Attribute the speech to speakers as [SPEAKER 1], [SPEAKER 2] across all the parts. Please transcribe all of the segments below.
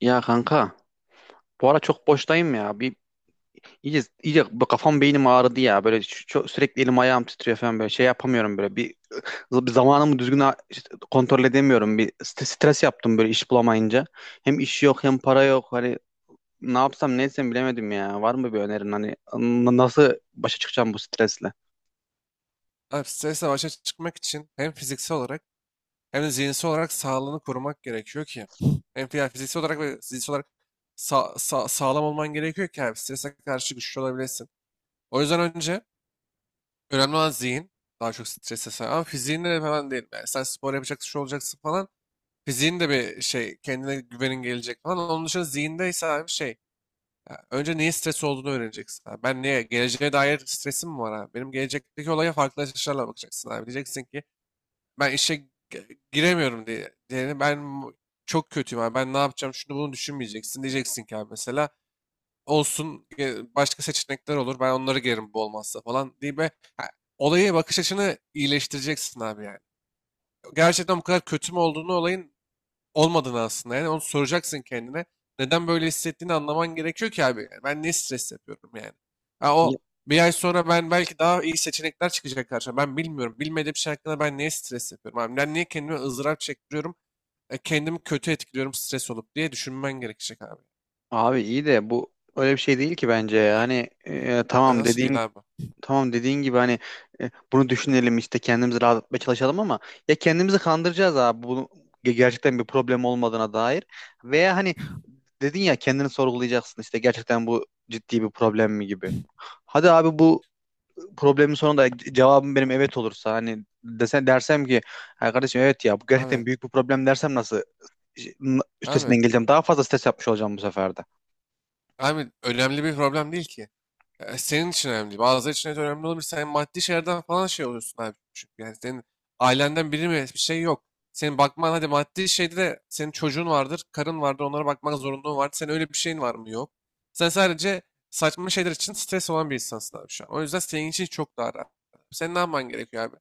[SPEAKER 1] Ya kanka, bu ara çok boştayım ya. Bir iyice, iyice bu kafam, beynim ağrıdı ya. Böyle çok, sürekli elim ayağım titriyor falan, böyle şey yapamıyorum böyle. Bir zamanımı düzgün işte kontrol edemiyorum. Bir stres yaptım böyle, iş bulamayınca. Hem iş yok, hem para yok. Hani ne yapsam ne etsem bilemedim ya. Var mı bir önerin, hani nasıl başa çıkacağım bu stresle?
[SPEAKER 2] Abi stresle başa çıkmak için hem fiziksel olarak hem de zihinsel olarak sağlığını korumak gerekiyor ki. Hem yani fiziksel olarak ve zihinsel olarak sağlam olman gerekiyor ki abi strese karşı güçlü olabilesin. O yüzden önce önemli olan zihin. Daha çok strese sahip. Ama fiziğinle de falan değil. Yani sen spor yapacaksın, şu olacaksın falan. Fiziğin de bir şey, kendine güvenin gelecek falan. Onun dışında zihindeyse abi şey. Ya önce niye stres olduğunu öğreneceksin abi. Ben niye? Geleceğe dair stresim mi var abi? Benim gelecekteki olaya farklı açılarla bakacaksın abi. Diyeceksin ki ben işe giremiyorum diye. Diğeri ben çok kötüyüm abi. Ben ne yapacağım şunu bunu düşünmeyeceksin. Diyeceksin ki abi mesela olsun, başka seçenekler olur. Ben onları girerim bu olmazsa falan diye be. Ha, olayı bakış açını iyileştireceksin abi yani. Gerçekten bu kadar kötü mü olduğunu olayın olmadığını aslında. Yani onu soracaksın kendine. Neden böyle hissettiğini anlaman gerekiyor ki abi. Yani ben ne stres yapıyorum yani. Ha,
[SPEAKER 1] Ya-
[SPEAKER 2] o bir ay sonra ben belki daha iyi seçenekler çıkacak karşıma. Ben bilmiyorum. Bilmediğim şey hakkında ben niye stres yapıyorum abi. Ben niye kendime ızdırap çektiriyorum. E, kendimi kötü etkiliyorum stres olup diye düşünmen gerekecek abi.
[SPEAKER 1] Abi iyi de bu öyle bir şey değil ki bence. Yani
[SPEAKER 2] E,
[SPEAKER 1] tamam
[SPEAKER 2] nasıl
[SPEAKER 1] dediğin
[SPEAKER 2] değil abi?
[SPEAKER 1] Tamam dediğin gibi hani, bunu düşünelim, işte kendimizi rahatlatmaya çalışalım, ama ya kendimizi kandıracağız abi, bunu gerçekten bir problem olmadığına dair. Veya hani, dedin ya kendini sorgulayacaksın, işte gerçekten bu ciddi bir problem mi gibi. Hadi abi, bu problemin sonunda cevabım benim evet olursa, hani dersem ki "Ha kardeşim, evet ya, bu
[SPEAKER 2] Abi,
[SPEAKER 1] gerçekten büyük bir problem," dersem, nasıl üstesinden
[SPEAKER 2] abi,
[SPEAKER 1] geleceğim? Daha fazla stres yapmış olacağım bu sefer de.
[SPEAKER 2] abi, önemli bir problem değil ki. E, senin için önemli değil. Bazıları için evet önemli olabilir. Sen maddi şeylerden falan şey oluyorsun abi. Çünkü yani senin ailenden biri mi bir şey yok. Senin bakman hadi maddi şeyde de senin çocuğun vardır, karın vardır, onlara bakmak zorunluluğun vardır. Senin öyle bir şeyin var mı? Yok. Sen sadece saçma şeyler için stres olan bir insansın abi şu an. O yüzden senin için çok daha rahat. Senin ne yapman gerekiyor abi?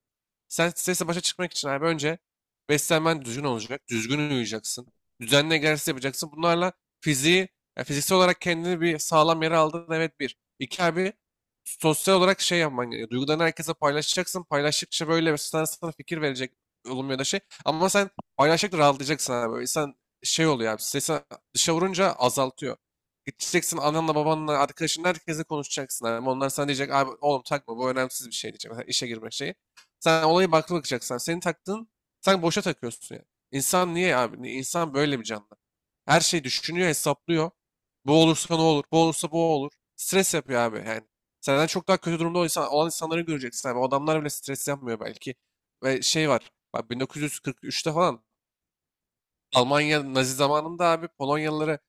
[SPEAKER 2] Sen stresle başa çıkmak için abi önce beslenmen düzgün olacak, düzgün uyuyacaksın, düzenli egzersiz yapacaksın. Bunlarla fiziği, yani fiziksel olarak kendini bir sağlam yere aldın, evet, bir. İki abi sosyal olarak şey yapman gerekiyor. Duygularını herkese paylaşacaksın. Paylaştıkça böyle mesela sana fikir verecek, olumlu ya da şey. Ama sen paylaştıkça rahatlayacaksın abi. İnsan şey oluyor abi. Stresi dışa vurunca azaltıyor. Gideceksin ananla babanla arkadaşınla herkese konuşacaksın abi. Onlar sana diyecek abi oğlum takma bu önemsiz bir şey diyecek. Mesela işe girme şeyi. Sen olayı baklı bakacaksın. Senin taktığın sen boşa takıyorsun yani. İnsan niye abi? İnsan böyle bir canlı. Her şeyi düşünüyor, hesaplıyor. Bu olursa ne olur? Bu olursa bu olur. Stres yapıyor abi yani. Senden çok daha kötü durumda olan insanları göreceksin abi. O adamlar bile stres yapmıyor belki. Ve şey var. Bak 1943'te falan Almanya Nazi zamanında abi Polonyalıları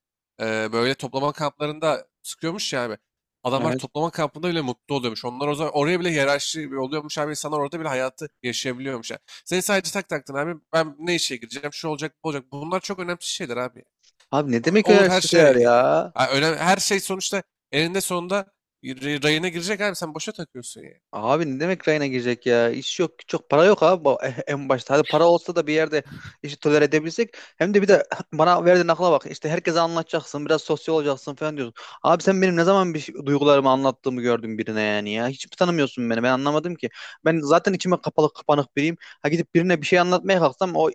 [SPEAKER 2] böyle toplama kamplarında sıkıyormuş ya abi. Adamlar
[SPEAKER 1] Evet.
[SPEAKER 2] toplama kampında bile mutlu oluyormuş. Onlar o zaman oraya bile hiyerarşi oluyormuş abi. İnsanlar orada bile hayatı yaşayabiliyormuş. Yani. Seni sadece tak taktın abi. Ben ne işe gireceğim? Şu olacak, bu olacak. Bunlar çok önemli şeyler abi,
[SPEAKER 1] Abi, ne demek
[SPEAKER 2] olur her şey.
[SPEAKER 1] önerseler
[SPEAKER 2] e,
[SPEAKER 1] ya?
[SPEAKER 2] Ha, öyle her şey sonuçta eninde sonunda rayına girecek abi, sen boşa takıyorsun ya.
[SPEAKER 1] Abi, ne demek rayına girecek ya? İş yok, güç yok, para yok abi, en başta. Hadi para olsa da bir yerde işi tolere edebilsek. Hem de bir de bana verdiğin akla bak. İşte herkese anlatacaksın, biraz sosyal olacaksın falan diyorsun. Abi sen benim ne zaman duygularımı anlattığımı gördün birine, yani ya. Hiç mi tanımıyorsun beni? Ben anlamadım ki. Ben zaten içime kapalı kapanık biriyim. Ha, gidip birine bir şey anlatmaya kalksam, o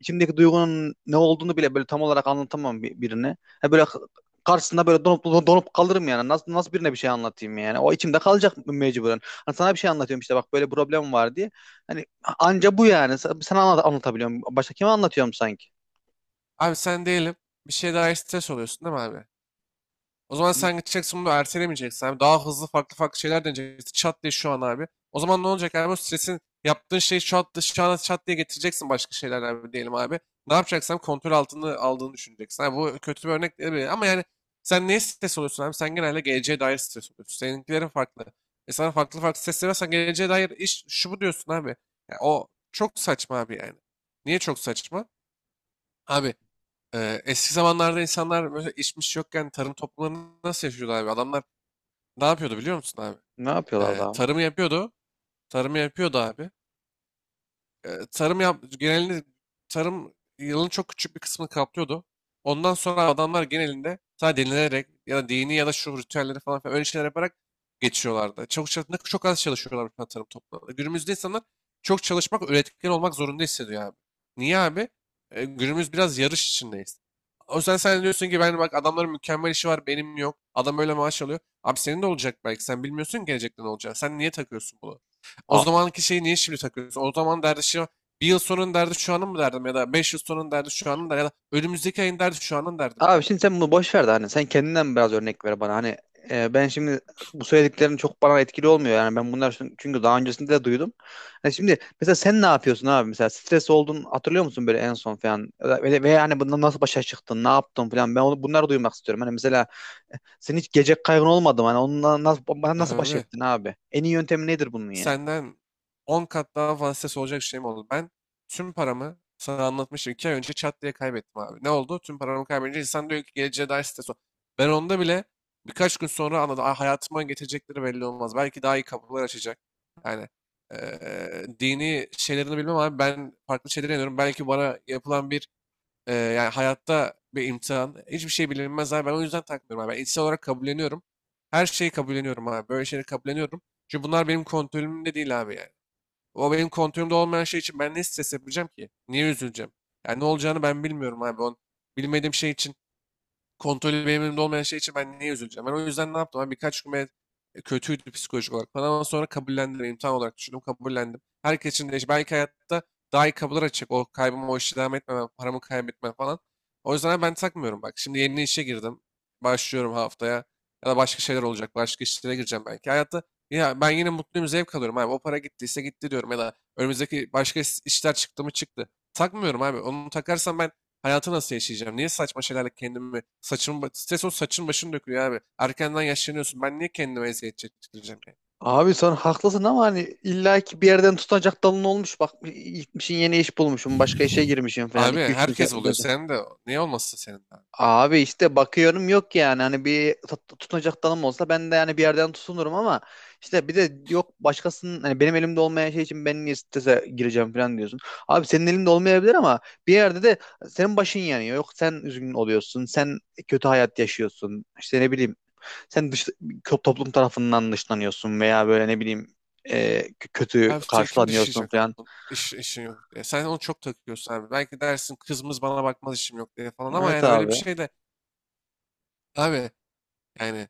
[SPEAKER 1] içimdeki duygunun ne olduğunu bile böyle tam olarak anlatamam birine. Ha böyle, karşısında böyle donup donup kalırım yani. Nasıl birine bir şey anlatayım yani? O içimde kalacak mecburen. Hani sana bir şey anlatıyorum işte, bak böyle problem var diye. Hani, anca bu yani. Sana anlatabiliyorum. Başka kime anlatıyorum sanki?
[SPEAKER 2] Abi sen diyelim bir şey daha stres oluyorsun değil mi abi? O zaman sen gideceksin bunu ertelemeyeceksin abi. Daha hızlı farklı farklı şeyler deneyeceksin. Çat diye şu an abi. O zaman ne olacak abi? O stresin yaptığın şeyi çat, şu an çat diye getireceksin başka şeyler abi diyelim abi. Ne yapacaksan kontrol altında aldığını düşüneceksin. Abi bu kötü bir örnek değil ama yani sen neye stres oluyorsun abi? Sen genelde geleceğe dair stres oluyorsun. Seninkilerin farklı. E, sana farklı farklı stresler varsa geleceğe dair iş şu bu diyorsun abi. Ya o çok saçma abi yani. Niye çok saçma? Abi, eski zamanlarda insanlar böyle içmiş yokken tarım toplumlarını nasıl yaşıyordu abi? Adamlar ne yapıyordu biliyor musun abi?
[SPEAKER 1] Ne yapıyorlar
[SPEAKER 2] Eee,
[SPEAKER 1] daha abi?
[SPEAKER 2] tarımı yapıyordu. Tarımı yapıyordu abi, tarım yap genelinde tarım yılın çok küçük bir kısmını kaplıyordu. Ondan sonra adamlar genelinde sadece dinlenerek ya da dini ya da şu ritüelleri falan filan öyle şeyler yaparak geçiyorlardı. Çok az çalışıyorlar mesela tarım toplumlarında. Günümüzde insanlar çok çalışmak, üretken olmak zorunda hissediyor abi. Niye abi? E, günümüz biraz yarış içindeyiz. O yüzden sen diyorsun ki ben bak adamların mükemmel işi var benim yok. Adam öyle maaş alıyor. Abi senin de olacak, belki sen bilmiyorsun ki gelecekte ne olacak. Sen niye takıyorsun bunu? O
[SPEAKER 1] A-
[SPEAKER 2] zamanki şeyi niye şimdi takıyorsun? O zaman derdi şey o, bir yıl sonun derdi şu anın mı derdim ya da 5 yıl sonun derdi şu anın da ya da önümüzdeki ayın derdi şu anın derdim
[SPEAKER 1] Abi şimdi
[SPEAKER 2] kanka.
[SPEAKER 1] sen bunu boş ver de, hani sen kendinden biraz örnek ver bana. Hani ben şimdi, bu söylediklerin çok bana etkili olmuyor. Yani ben çünkü daha öncesinde de duydum. Yani şimdi mesela sen ne yapıyorsun abi? Mesela stres oldun, hatırlıyor musun böyle en son falan? Ve yani bundan nasıl başa çıktın? Ne yaptın falan? Ben onu, bunları duymak istiyorum. Hani mesela, senin hiç gelecek kaygın olmadı mı? Hani onunla nasıl baş
[SPEAKER 2] Abi
[SPEAKER 1] ettin abi? En iyi yöntemi nedir bunun yani?
[SPEAKER 2] senden 10 kat daha fazla stres olacak şey mi oldu? Ben tüm paramı sana anlatmıştım. 2 ay önce çat diye kaybettim abi. Ne oldu? Tüm paramı kaybedince insan diyor ki geleceğe dair stres ol. Ben onda bile birkaç gün sonra anladım. "Aa, hayatıma getirecekleri belli olmaz. Belki daha iyi kapılar açacak." Yani dini şeylerini bilmem abi. Ben farklı şeylere inanıyorum. Belki bana yapılan bir yani hayatta bir imtihan. Hiçbir şey bilinmez abi. Ben o yüzden takmıyorum abi. Ben içsel olarak kabulleniyorum. Her şeyi kabulleniyorum abi. Böyle şeyleri kabulleniyorum. Çünkü bunlar benim kontrolümde değil abi yani. O benim kontrolümde olmayan şey için ben ne stres yapacağım ki? Niye üzüleceğim? Yani ne olacağını ben bilmiyorum abi. Bilmediğim şey için, kontrolü benim elimde olmayan şey için ben niye üzüleceğim? Ben o yüzden ne yaptım? Ben birkaç gün kötüydü psikolojik olarak falan, ama sonra kabullendim. İmtihan olarak düşündüm, kabullendim. Herkes için değişir. Belki hayatta daha iyi kapılar açacak. O kaybımı, o işi devam etmemem, paramı kaybetmem falan. O yüzden ben takmıyorum bak. Şimdi yeni işe girdim. Başlıyorum haftaya. Ya da başka şeyler olacak. Başka işlere gireceğim belki. Hayatta ya ben yine mutluyum, zevk alıyorum abi. O para gittiyse gitti diyorum. Ya da önümüzdeki başka işler çıktı mı çıktı. Takmıyorum abi. Onu takarsam ben hayatı nasıl yaşayacağım? Niye saçma şeylerle kendimi saçımı stres, o saçın başını dökülüyor abi. Erkenden yaşlanıyorsun. Ben niye kendime eziyet çektireceğim yani?
[SPEAKER 1] Abi sen haklısın ama hani illaki bir yerden tutunacak dalın olmuş. Bak, gitmişin yeni iş bulmuşum, başka işe girmişim falan.
[SPEAKER 2] Abi
[SPEAKER 1] İki üç gün
[SPEAKER 2] herkes oluyor. Sen de niye olmasın senin de abi?
[SPEAKER 1] abi işte bakıyorum yok yani, hani bir tutunacak dalım olsa ben de yani bir yerden tutunurum, ama işte bir de yok. Başkasının, hani benim elimde olmayan şey için ben niye strese gireceğim falan diyorsun. Abi, senin elinde olmayabilir ama bir yerde de senin başın yanıyor. Yok, sen üzgün oluyorsun. Sen kötü hayat yaşıyorsun. İşte ne bileyim, sen toplum tarafından dışlanıyorsun, veya böyle ne bileyim kötü
[SPEAKER 2] Abi seni kim
[SPEAKER 1] karşılanıyorsun
[SPEAKER 2] dışlayacak abi?
[SPEAKER 1] falan.
[SPEAKER 2] Bu işin yok diye. Sen onu çok takıyorsun abi. Belki dersin kızımız bana bakmaz işim yok diye falan ama
[SPEAKER 1] Evet
[SPEAKER 2] yani öyle
[SPEAKER 1] abi.
[SPEAKER 2] bir şey de abi, yani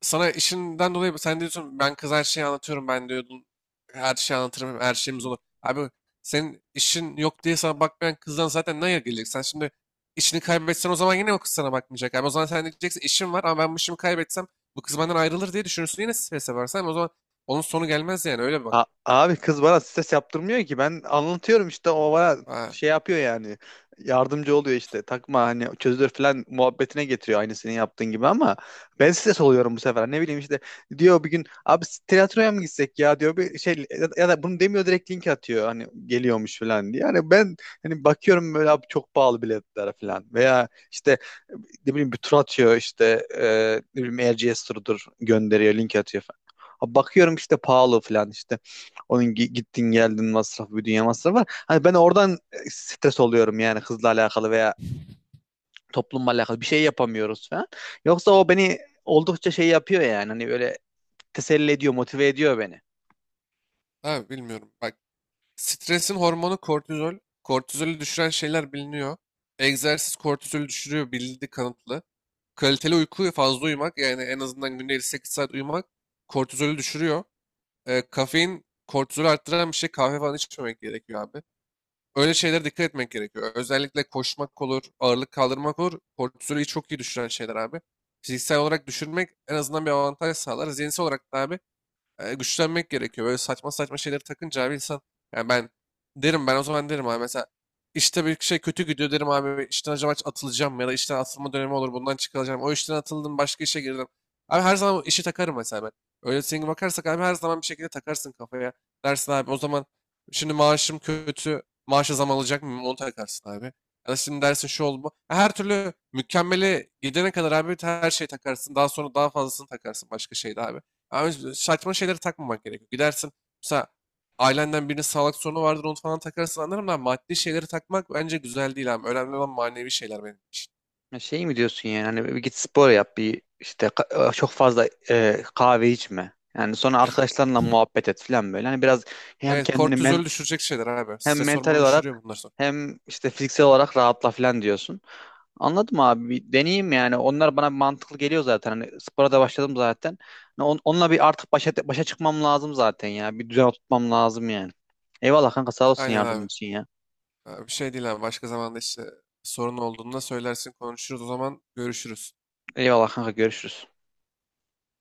[SPEAKER 2] sana işinden dolayı sen diyorsun ben kız her şeyi anlatıyorum ben diyordun, her şeyi anlatırım her şeyimiz olur. Abi senin işin yok diye sana bakmayan kızdan zaten ne gelecek? Sen şimdi işini kaybetsen o zaman yine o kız sana bakmayacak. Abi o zaman sen diyeceksin işim var ama ben bu işimi kaybetsem bu kız benden ayrılır diye düşünürsün, yine strese varsan o zaman onun sonu gelmez yani, öyle bak.
[SPEAKER 1] Abi, kız bana stres yaptırmıyor ki. Ben anlatıyorum işte, o bana
[SPEAKER 2] Ha,
[SPEAKER 1] şey yapıyor yani. Yardımcı oluyor işte. Takma hani, çözülür falan muhabbetine getiriyor aynı senin yaptığın gibi, ama ben stres oluyorum bu sefer. Ne bileyim işte, diyor bir gün abi tiyatroya mı gitsek ya, diyor bir şey. Ya da bunu demiyor, direkt link atıyor hani geliyormuş falan diye. Yani ben hani bakıyorum böyle abi, çok pahalı biletler falan, veya işte ne bileyim bir tur atıyor işte, ne bileyim RGS turudur, gönderiyor link atıyor falan. Bakıyorum işte pahalı falan işte. Onun gittin geldin masrafı, bir dünya masrafı var. Hani ben oradan stres oluyorum yani, kızla alakalı veya toplumla alakalı bir şey yapamıyoruz falan. Yoksa o beni oldukça şey yapıyor yani, hani böyle teselli ediyor, motive ediyor beni.
[SPEAKER 2] ha, bilmiyorum bak, stresin hormonu kortizol. Kortizolü düşüren şeyler biliniyor. Egzersiz kortizolü düşürüyor bildi kanıtlı. Kaliteli uyku, fazla uyumak, yani en azından günde 7-8 saat uyumak kortizolü düşürüyor. Kafein kortizolü arttıran bir şey, kahve falan içmemek gerekiyor abi. Öyle şeylere dikkat etmek gerekiyor. Özellikle koşmak olur, ağırlık kaldırmak olur. Kortizolü çok iyi düşüren şeyler abi. Fiziksel olarak düşürmek en azından bir avantaj sağlar. Zihinsel olarak da abi güçlenmek gerekiyor. Böyle saçma saçma şeyleri takınca abi insan, yani ben derim ben o zaman derim abi mesela işte bir şey kötü gidiyor derim abi işten acaba atılacağım mı? Ya da işten atılma dönemi olur bundan çıkılacağım. O işten atıldım başka işe girdim. Abi her zaman o işi takarım mesela ben. Öyle senin bakarsak abi her zaman bir şekilde takarsın kafaya. Dersin abi o zaman şimdi maaşım kötü maaşa zam alacak mıyım onu takarsın abi. Ya da şimdi dersin şu oldu bu. Her türlü mükemmele gidene kadar abi her şeyi takarsın. Daha sonra daha fazlasını takarsın başka şeyde abi. Abi saçma şeylere takmamak gerekiyor. Gidersin mesela ailenden birinin sağlık sorunu vardır onu falan takarsın anlarım da, maddi şeyleri takmak bence güzel değil abi. Önemli olan manevi şeyler benim için.
[SPEAKER 1] Ya, şey mi diyorsun yani, hani bir git spor yap, bir işte çok fazla kahve içme. Yani sonra arkadaşlarınla muhabbet et falan böyle. Hani biraz hem
[SPEAKER 2] Evet,
[SPEAKER 1] kendini men,
[SPEAKER 2] kortizolü düşürecek şeyler abi.
[SPEAKER 1] hem
[SPEAKER 2] Stres
[SPEAKER 1] mental
[SPEAKER 2] hormonunu
[SPEAKER 1] olarak
[SPEAKER 2] düşürüyor bunlar sonra.
[SPEAKER 1] hem işte fiziksel olarak rahatla falan diyorsun. Anladım abi. Bir deneyeyim yani. Onlar bana mantıklı geliyor zaten. Hani spora da başladım zaten. Hani onunla bir artık başa çıkmam lazım zaten ya. Bir düzen oturtmam lazım yani. Eyvallah kanka, sağ olsun
[SPEAKER 2] Aynen
[SPEAKER 1] yardımın
[SPEAKER 2] abi.
[SPEAKER 1] için ya.
[SPEAKER 2] Ha, bir şey değil abi. Başka zamanda işte sorun olduğunda söylersin konuşuruz, o zaman görüşürüz.
[SPEAKER 1] Eyvallah kanka, görüşürüz.